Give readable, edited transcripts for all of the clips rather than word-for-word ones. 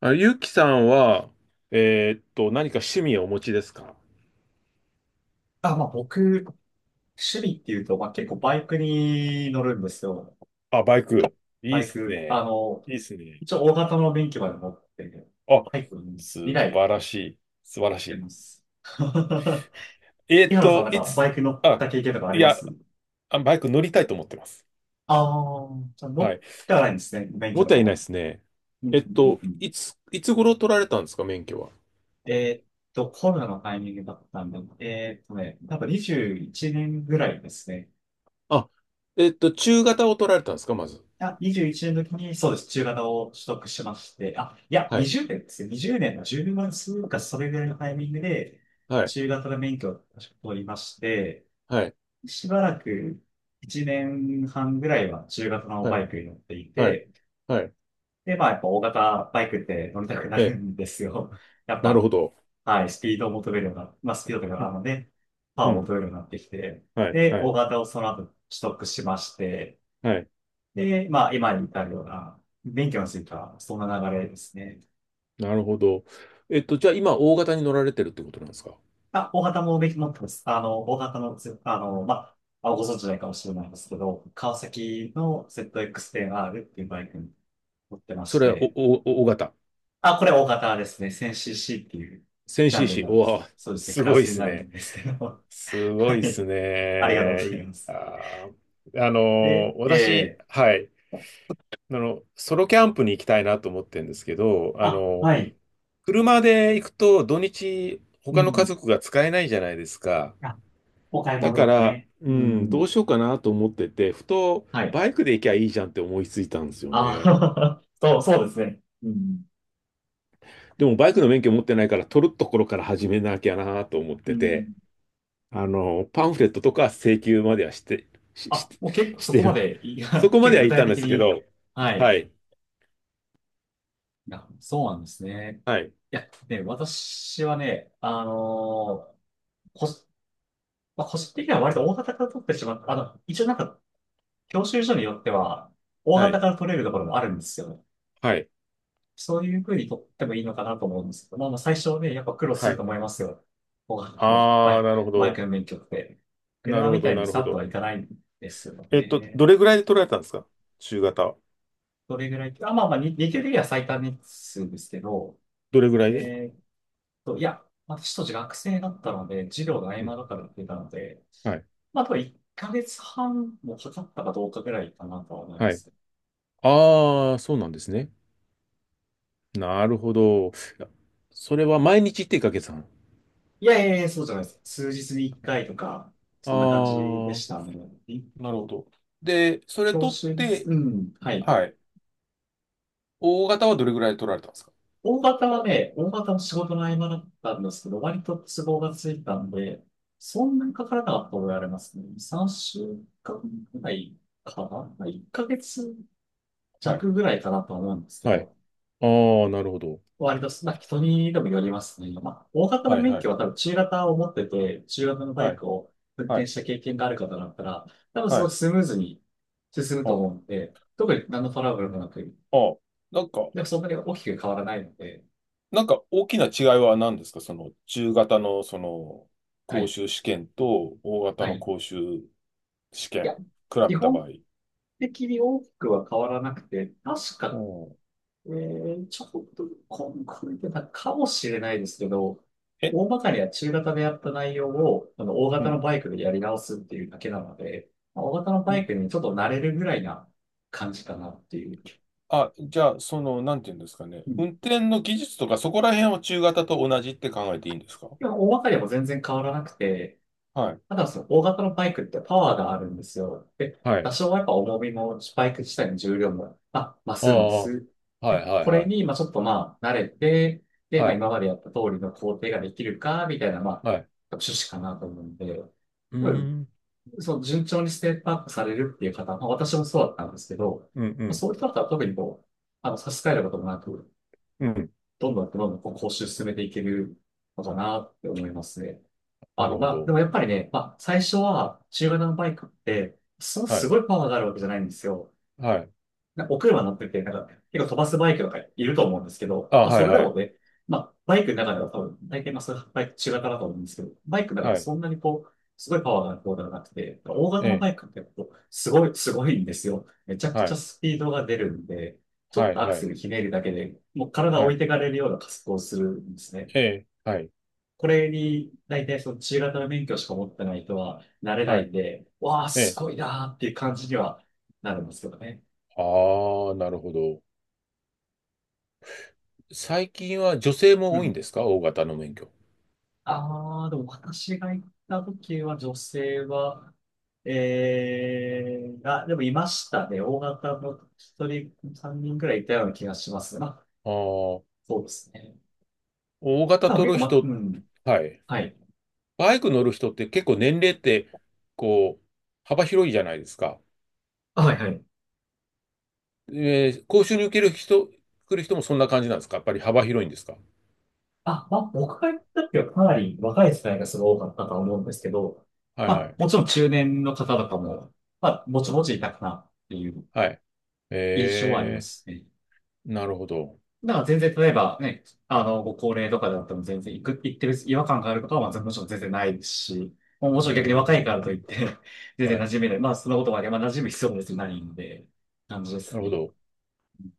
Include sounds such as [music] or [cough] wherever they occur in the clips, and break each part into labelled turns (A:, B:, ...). A: あ、ゆうきさんは、何か趣味をお持ちですか？
B: あ、まあ僕、趣味っていうと、まあ結構バイクに乗るんですよ。
A: あ、バイク。いい
B: バ
A: っ
B: イ
A: す
B: ク。
A: ね。いいっすね。
B: 一応大型の免許まで持ってて、
A: あ、
B: バイク2来
A: 素晴らしい。素晴らし
B: 乗って
A: い。
B: ます。[laughs]
A: えー
B: 井
A: っ
B: 原さん、
A: と、
B: なん
A: い
B: かバ
A: つ、
B: イク乗っ
A: あ、
B: た経験とかあ
A: い
B: りま
A: や、
B: す？
A: あバイク乗りたいと思ってます。
B: ああー、じゃあ乗
A: は
B: っ
A: い。
B: てはないんですね、免
A: も
B: 許
A: っ
B: と
A: た
B: か
A: いないで
B: も。
A: すね。
B: うんう
A: え
B: ん
A: っ
B: うん
A: と、
B: うん。
A: いつ、いつ頃取られたんですか、免許は。
B: えーっコロナのタイミングだったんで、多分21年ぐらいですね。
A: あ、えっと、中型を取られたんですか、まず。
B: あ、21年の時に、そうです。中型を取得しまして、あ、いや、
A: はい。
B: 20年ですよ。20年の10分数か、それぐらいのタイミングで、
A: はい。
B: 中型の免許を確か取りまして、
A: はい。
B: しばらく1年半ぐらいは中型の
A: はい。
B: バイクに乗ってい
A: はい。
B: て、
A: はい。
B: で、まあ、やっぱ大型バイクって乗りたくな
A: え
B: る
A: え、
B: んですよ。[laughs] やっ
A: なる
B: ぱ、
A: ほど。
B: はい、スピードを求めるような、まあ、スピードという
A: う
B: か、あ
A: ん。
B: のね、パ
A: う
B: ワーを
A: ん。
B: 求めるようになってきて、
A: はい。
B: で、
A: は
B: 大
A: い。
B: 型をその後取得しまして、
A: はい。
B: で、まあ、今に至るような、勉強については、そんな流れですね。
A: なるほど。えっと、じゃあ今、大型に乗られてるってことなんですか？
B: まあ、大畑も勉強持ってます。あの、大畑のつ、あの、まあ、ご存知ないかもしれないですけど、川崎の ZX-10R っていうバイクに乗ってま
A: そ
B: し
A: れは、お、
B: て、
A: お、お大型。
B: あ、これ大型ですね。1000cc っていうジャンルに
A: 1000cc。
B: なるん
A: お
B: です。
A: わ、
B: そうですね。
A: す
B: クラ
A: ごいで
B: スに
A: す
B: なるん
A: ね。
B: ですけど。
A: す
B: [laughs]
A: ご
B: は
A: いです
B: い。ありがとうご
A: ね。
B: ざ
A: い
B: います。
A: あー、あの
B: で、
A: 私、はい。あの、ソロキャンプに行きたいなと思ってるんですけど、あ
B: あ、
A: の、
B: はい。
A: 車で行くと土日、
B: う
A: 他の家
B: ん。
A: 族が使えないじゃないですか。
B: あ、お買い
A: だか
B: 物
A: ら、
B: ね。
A: う
B: う
A: ん、どう
B: ん。
A: しようかなと思ってて、ふと、
B: はい。
A: バイクで行きゃいいじゃんって思いついたんですよ
B: あ
A: ね。
B: あ、[laughs] そう、そうですね。うん。
A: でもバイクの免許持ってないから取るところから始めなきゃなと思っ
B: う
A: てて、
B: ん。
A: あの、パンフレットとか請求まではして、し、し、
B: あ、もう結構
A: し
B: そ
A: て
B: こま
A: る、
B: で、い
A: そ
B: や、
A: こ
B: [laughs]
A: ま
B: 結
A: で
B: 構
A: は
B: 具
A: い
B: 体
A: たんで
B: 的
A: すけ
B: に。
A: ど、
B: は
A: [laughs] は
B: い。
A: い、
B: いや、そうなんですね。
A: はい、
B: いや、ね、私はね、ー、個、まあ、個人的には割と大型から取ってしまった。一応なんか、教習所によっては、大
A: は
B: 型
A: い、
B: から取れるところもあるんですよ。
A: はい、
B: そういう風にとってもいいのかなと思うんですけど、まあまあ最初はね、やっぱ苦労す
A: は
B: ると
A: い。
B: 思いますよ。こうあのバ
A: ああ、
B: イ
A: なるほ
B: バイク
A: ど。
B: の免許って。
A: な
B: 車
A: るほ
B: みた
A: ど、
B: い
A: な
B: に
A: る
B: さ
A: ほ
B: っとは
A: ど。
B: いかないんですよ
A: えっと、
B: ね。
A: どれぐらいで取られたんですか、中型は。
B: どれぐらい、あ、まあまあ、日給的には最短日数ですけど、
A: どれぐらいで。
B: えーっいや、私当時学生だったので、授業の合
A: う
B: 間
A: ん。
B: とかでやってたので、
A: はい、
B: まあ、あと1ヶ月半もかかったかどうかぐらいかなとは思いま
A: はい。
B: す。
A: ああ、そうなんですね。なるほど。いや、それは毎日ってかけさん。
B: いやいやいや、そうじゃないです。数日に1回とか、
A: あ
B: そんな感じで
A: あ、
B: したね。
A: なるほど。で、それ
B: 教
A: 取っ
B: 習です
A: て、
B: うん、はい。
A: はい。大型はどれぐらい取られたんですか？
B: 大型はね、大型の仕事の合間だったんですけど、割と都合がついたんで、そんなにかからなかったと言われますね。2、3週間ぐらいかなま？ 1 ヶ月
A: はい。
B: 弱ぐらいかなと思うんですけ
A: はい。
B: ど、
A: ああ、なるほど。
B: 割とまあ人にでもよりますね。まあ、大型の
A: はい、
B: 免
A: は
B: 許
A: い、
B: は多分中型を持ってて、中型のバ
A: は
B: イ
A: い、
B: クを運
A: は
B: 転
A: い、
B: した経験がある方だったら、多分す
A: は
B: ごい
A: い。
B: スムーズに進むと
A: あ、
B: 思うんで、特に何のトラブルもなく、
A: あ、なんか、
B: でもそんなに大きく変わらないので、
A: なんか大きな違いは何ですか、その中型のその
B: は
A: 講
B: い。
A: 習試験と大型
B: はい。
A: の
B: い
A: 講習試
B: や、
A: 験、比
B: 基
A: べた
B: 本
A: 場合。
B: 的に大きくは変わらなくて、確
A: う
B: か、
A: ん。
B: ちょっと、これてたかもしれないですけど、
A: え、
B: 大まかには中型でやった内容を、大
A: う
B: 型の
A: ん。
B: バイクでやり直すっていうだけなので、まあ大型の
A: う
B: バイ
A: ん。
B: クにちょっと慣れるぐらいな感じかなっていう。
A: あ、じゃあ、その、なんていうんですかね。
B: うん。
A: 運転の技術とかそこら辺は中型と同じって考えていいんですか？
B: でも、大まかにはもう全然変わらなくて、
A: はい。
B: ただその大型のバイクってパワーがあるんですよ。で、
A: は
B: 多
A: い。
B: 少はやっぱ重みも、バイク自体の重量も、まあ、増
A: あ
B: すんで
A: あ、は
B: す。
A: い
B: で、
A: はい
B: こ
A: は
B: れ
A: い。
B: に、まあちょっとまあ慣れて、で、
A: は
B: まあ
A: い、
B: 今までやった通りの工程ができるか、みたいな、まあ、
A: はい。
B: 趣旨かなと思うんで、
A: うー
B: うん、
A: ん、
B: そう、順調にステップアップされるっていう方、まあ私もそうだったんですけど、
A: うん、う
B: まあ、
A: ん、
B: そういう人だったら特にこう、差し支えることもなく、
A: うん。
B: どんどんどんどんこう講習進めていけるのかなって思いますね。
A: なるほ
B: まあ、で
A: ど。
B: もやっぱりね、まあ、最初は中型のバイクって、その
A: は
B: す
A: い、
B: ごいパワーがあるわけじゃないんですよ。
A: はい。
B: なお車乗ってて、なんか、結構飛ばすバイクとかいると思うんですけど、
A: あ、
B: まあ、
A: は
B: そ
A: い
B: れで
A: は
B: も
A: い。
B: ね、まあ、バイクの中では多分、大体まあ、そういうバイク中型だと思うんですけど、バイクの中では
A: はい。
B: そんなにこう、すごいパワーがある方ではなくて、大型
A: え
B: のバ
A: え、
B: イクってこう、すごい、すごいんですよ。めちゃく
A: は
B: ちゃ
A: い、
B: スピードが出るんで、ちょっ
A: はい、
B: とアク
A: は
B: セ
A: い、
B: ルひねるだけで、もう体を
A: は
B: 置い
A: い。
B: てかれるような加速をするんですね。
A: ええ、はい、
B: これに、大体その中型の免許しか持ってない人は、慣れな
A: は
B: い
A: い。
B: んで、わあ、
A: え
B: す
A: え。
B: ごいなーっていう感じにはなるんですけどね。
A: ああ、なるほど。最近は女性
B: う
A: も多いん
B: ん。
A: ですか、大型の免許。
B: ああ、でも私が行った時は女性は、ええーあ、でもいましたね。大型の一人、三人くらいいたような気がしますね。まあ、
A: ああ、
B: そうですね。
A: 大型
B: まあ、結
A: 取
B: 構、
A: る
B: ま、う
A: 人、
B: ん。
A: はい。
B: はい。
A: バイク乗る人って結構年齢って、こう、幅広いじゃないですか。
B: あはいはい。
A: えー、講習に受ける人、来る人もそんな感じなんですか、やっぱり幅広いんですか？
B: あ、まあ、僕が行った時はかなり若い世代がすごい多かったと思うんですけど、
A: はいは
B: ま
A: い。
B: あ、もちろん中年の方とかも、まあ、もちもちいたかなっていう
A: はい。
B: 印象はありま
A: え
B: すね。
A: ー、なるほど。
B: だから全然、例えばね、ご高齢とかだっても全然行く、行ってる違和感があることは、まあ、もちろん全然ないですし、もうも
A: お
B: ちろん逆に若いからとい
A: ー、
B: って [laughs] 全然
A: は
B: 馴
A: い。
B: 染めない。まあ、そのことはね、まあ、馴染む必要も別にないんで、感じで
A: な
B: す
A: るほ
B: ね。
A: ど。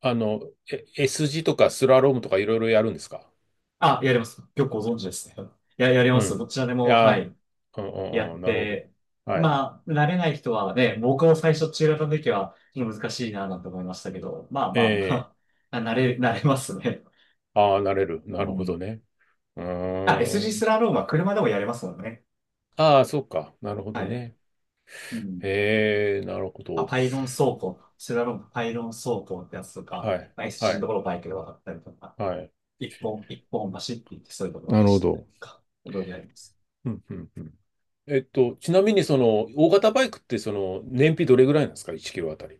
A: あの、え、 S 字とかスラロームとかいろいろやるんですか？
B: あ、やります。よくご存知ですね。いや、やり
A: う
B: ます。ど
A: ん。
B: ちらで
A: い
B: も、は
A: やー、
B: い。
A: うんう
B: や
A: ん
B: っ
A: うん、なるほど。
B: て、
A: はい。
B: まあ、慣れない人はね、僕も最初中型の時はちょっと難しいなぁなんて思いましたけど、まあまあ
A: え
B: まあ、[laughs] 慣れますね。
A: ー、ああ、なれる。
B: う
A: なるほ
B: ん。
A: どね。う
B: あ、SG スジ
A: ー
B: ース
A: ん。
B: ラロームは車でもやれますもんね。
A: ああ、そうか。なるほ
B: は
A: ど
B: い。
A: ね。
B: うん。
A: えー、なるほど。
B: パイロン走行、スラロームパイロン走行ってやつとか、
A: はい。
B: まあ、SG
A: は
B: のと
A: い。
B: ころをバイクで渡ったりとか、
A: はい。
B: 一本走っていってそういうところを
A: なるほ
B: 走ったり
A: ど。
B: とか、いろいろやります。
A: うんうんうん。えっと、ちなみにその、大型バイクってその、燃費どれぐらいなんですか？ 1 キロあたり。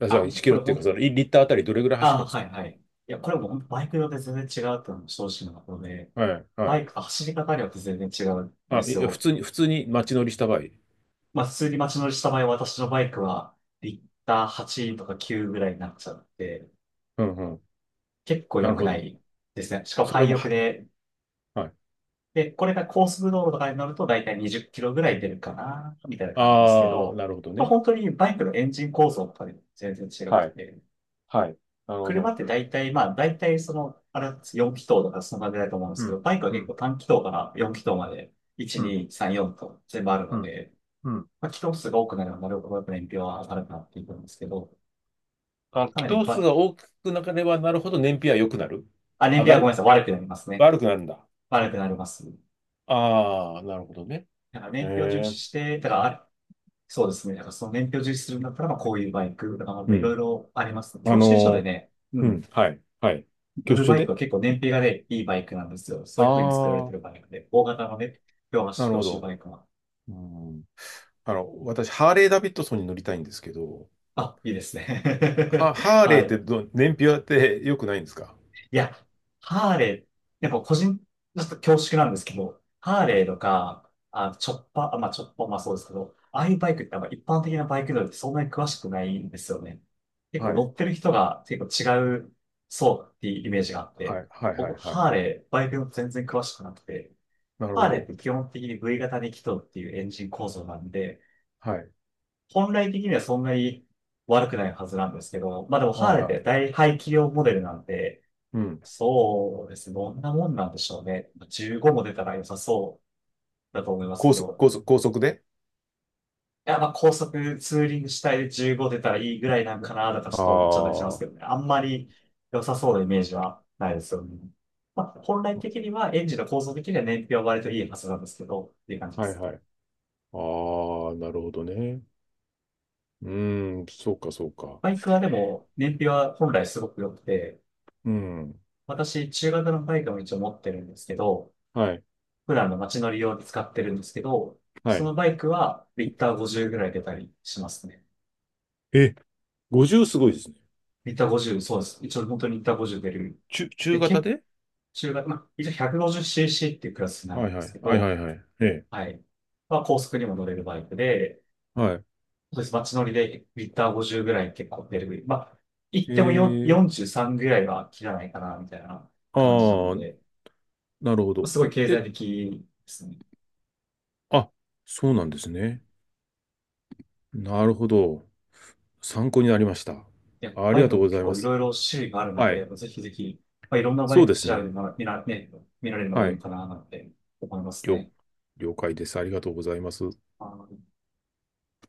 A: あ、そ
B: あ、
A: う、
B: もう
A: 1キ
B: こ
A: ロ
B: れ
A: っていう
B: 本
A: か、
B: 当
A: その、いリッターあたりどれぐらい走
B: あ
A: る
B: あ、
A: んです
B: は
A: か？
B: いはい。いや、これも本当バイクによって全然違うっていうのも正直なとことで、
A: はい、は
B: バイク、
A: い。
B: 走り方によって全然違うんで
A: あ、
B: す
A: いや普
B: よ。
A: 通に、普通に街乗りした場合。
B: まあ、普通に街乗りした場合、私のバイクは、リッター8とか9ぐらいになっちゃって、
A: うんうん。
B: 結構
A: な
B: 良
A: る
B: く
A: ほ
B: な
A: ど。
B: いですね。しかも
A: それ
B: 廃
A: も
B: 屋
A: は、
B: で、
A: はい。
B: で、これが高速道路とかに乗ると、だいたい20キロぐらい出るかな、みたいな感じですけ
A: ああ、
B: ど、
A: なるほど
B: まあ、
A: ね。
B: 本当にバイクのエンジン構造とかで全然違く
A: はい。
B: て、
A: はい。なるほ
B: 車
A: ど。
B: って大体、まあ、大体その、4気筒とかそんな感じだと思うんで
A: う
B: すけど、
A: ん。
B: バイクは
A: う
B: 結構
A: ん。
B: 短気筒から4気筒まで、1、
A: うん。
B: 2、3、4と全部ある
A: う
B: の
A: ん。
B: で、
A: うん。
B: まあ、気筒数が多くなればなるほどやっぱ燃費は上がるかなっていうんですけど、
A: あ、
B: か
A: 気
B: なり
A: 筒数
B: ば、
A: が大きくなければなるほど燃費は良くなる、
B: あ、燃
A: 上
B: 費
A: が
B: はごめんな
A: る、
B: さい、悪くなりますね。
A: 悪くなるんだ。
B: 悪くなります。
A: ああ、なるほどね。
B: だから
A: え
B: 燃費を重視し
A: え。
B: て、だからあ、そうですね。だからその燃費を重視するんだったら、まあ、こういうバイクとか、ま
A: う
B: あ、いろい
A: ん。
B: ろあります。
A: あ
B: 教習所で
A: の
B: ね、う
A: ー、うん。
B: ん、
A: はい。はい。
B: 乗
A: 挙
B: る
A: 手
B: バイクは
A: で、
B: 結構燃費がね、いいバイクなんですよ。そ
A: あ
B: ういう風に作られ
A: あ
B: て
A: ー、
B: るバイクで、大型のね、両
A: な
B: 足、
A: る
B: 教
A: ほ
B: 習
A: ど。
B: バイクは。
A: うん、あの、私、ハーレー・ダビッドソンに乗りたいんですけど、
B: あ、いいですね。
A: ハ、ハ
B: [laughs]
A: ーレー
B: は
A: っ
B: い。
A: てど、燃費はって良くないんですか？
B: いや、ハーレー、やっぱ個人、ちょっと恐縮なんですけど、ハー
A: は
B: レー
A: い。
B: とか、あ、チョッパー、まあチョッパー、まあそうですけど、ああいうバイクってあんま一般的なバイク乗りってそんなに詳しくないんですよね。結構
A: は
B: 乗
A: い。
B: ってる人が結構違う、そうっていうイメージがあっ
A: は
B: て、
A: い。はい。はい。
B: 僕、
A: はい。
B: ハーレー、バイク全然詳しくなくて、
A: なるほ
B: ハーレーっ
A: ど。
B: て基本的に V 型に気筒っていうエンジン構造なんで、
A: はい。
B: 本来的にはそんなに悪くないはずなんですけど、まあでも
A: あ、
B: ハーレーって
A: は
B: 大排気量モデルなんで、
A: い。うん。
B: そうですね、どんなもんなんでしょうね。15も出たら良さそうだと思います
A: 高
B: け
A: 速、
B: ど、
A: 高速、高速で。
B: いや、まあ高速ツーリング主体で15出たらいいぐらいなんかな、とか
A: あ
B: ちょっと思っちゃったりしま
A: あ、
B: す
A: は
B: けどね。あんまり良さそうなイメージはないですよね。まあ、本来的にはエンジンの構造的には燃費は割といいはずなんですけど、っていう感じ
A: い
B: ですね。
A: はい。ああ、なるほどね。うーん、そうか、そうか。
B: バイクはでも、燃費は本来すごく良くて、
A: うん。
B: 私、中型のバイクも一応持ってるんですけど、
A: はい。
B: 普段の街乗り用で使ってるんですけど、
A: は
B: そ
A: い。
B: のバイクはリッター50ぐらい出たりしますね。
A: え、50すごいですね。
B: リッター50、そうです。一応本当にリッター50出る。
A: 中、中
B: で、
A: 型
B: 結構
A: で。
B: 中型、まあ、一応 150cc っていうクラスになる
A: は
B: ん
A: い
B: で
A: は
B: すけ
A: い。はいは
B: ど、
A: いはい。ええ。
B: はい。まあ、高速にも乗れるバイクで、
A: はい。
B: そうです。街乗りでリッター50ぐらい結構出る。まあ、行っ
A: え
B: ても4
A: え。
B: 43ぐらいは切らないかな、みたいな感じなの
A: ああ、
B: で、
A: なるほど。
B: すごい経済
A: え、
B: 的ですね。
A: あ、そうなんですね。なるほど。参考になりました。
B: で
A: あ
B: バ
A: り
B: イ
A: が
B: ク
A: とう
B: も
A: ござ
B: 結
A: いま
B: 構い
A: す。
B: ろいろ種類があるの
A: はい。
B: で、ぜひぜひ、まあ、いろんなバ
A: そ
B: イ
A: う
B: クを
A: です
B: 調べて
A: ね。
B: 見ら、ね、見られるのがいい
A: は
B: の
A: い。
B: かな、なんて思います
A: 了、
B: ね。
A: 了解です。ありがとうございます。
B: あの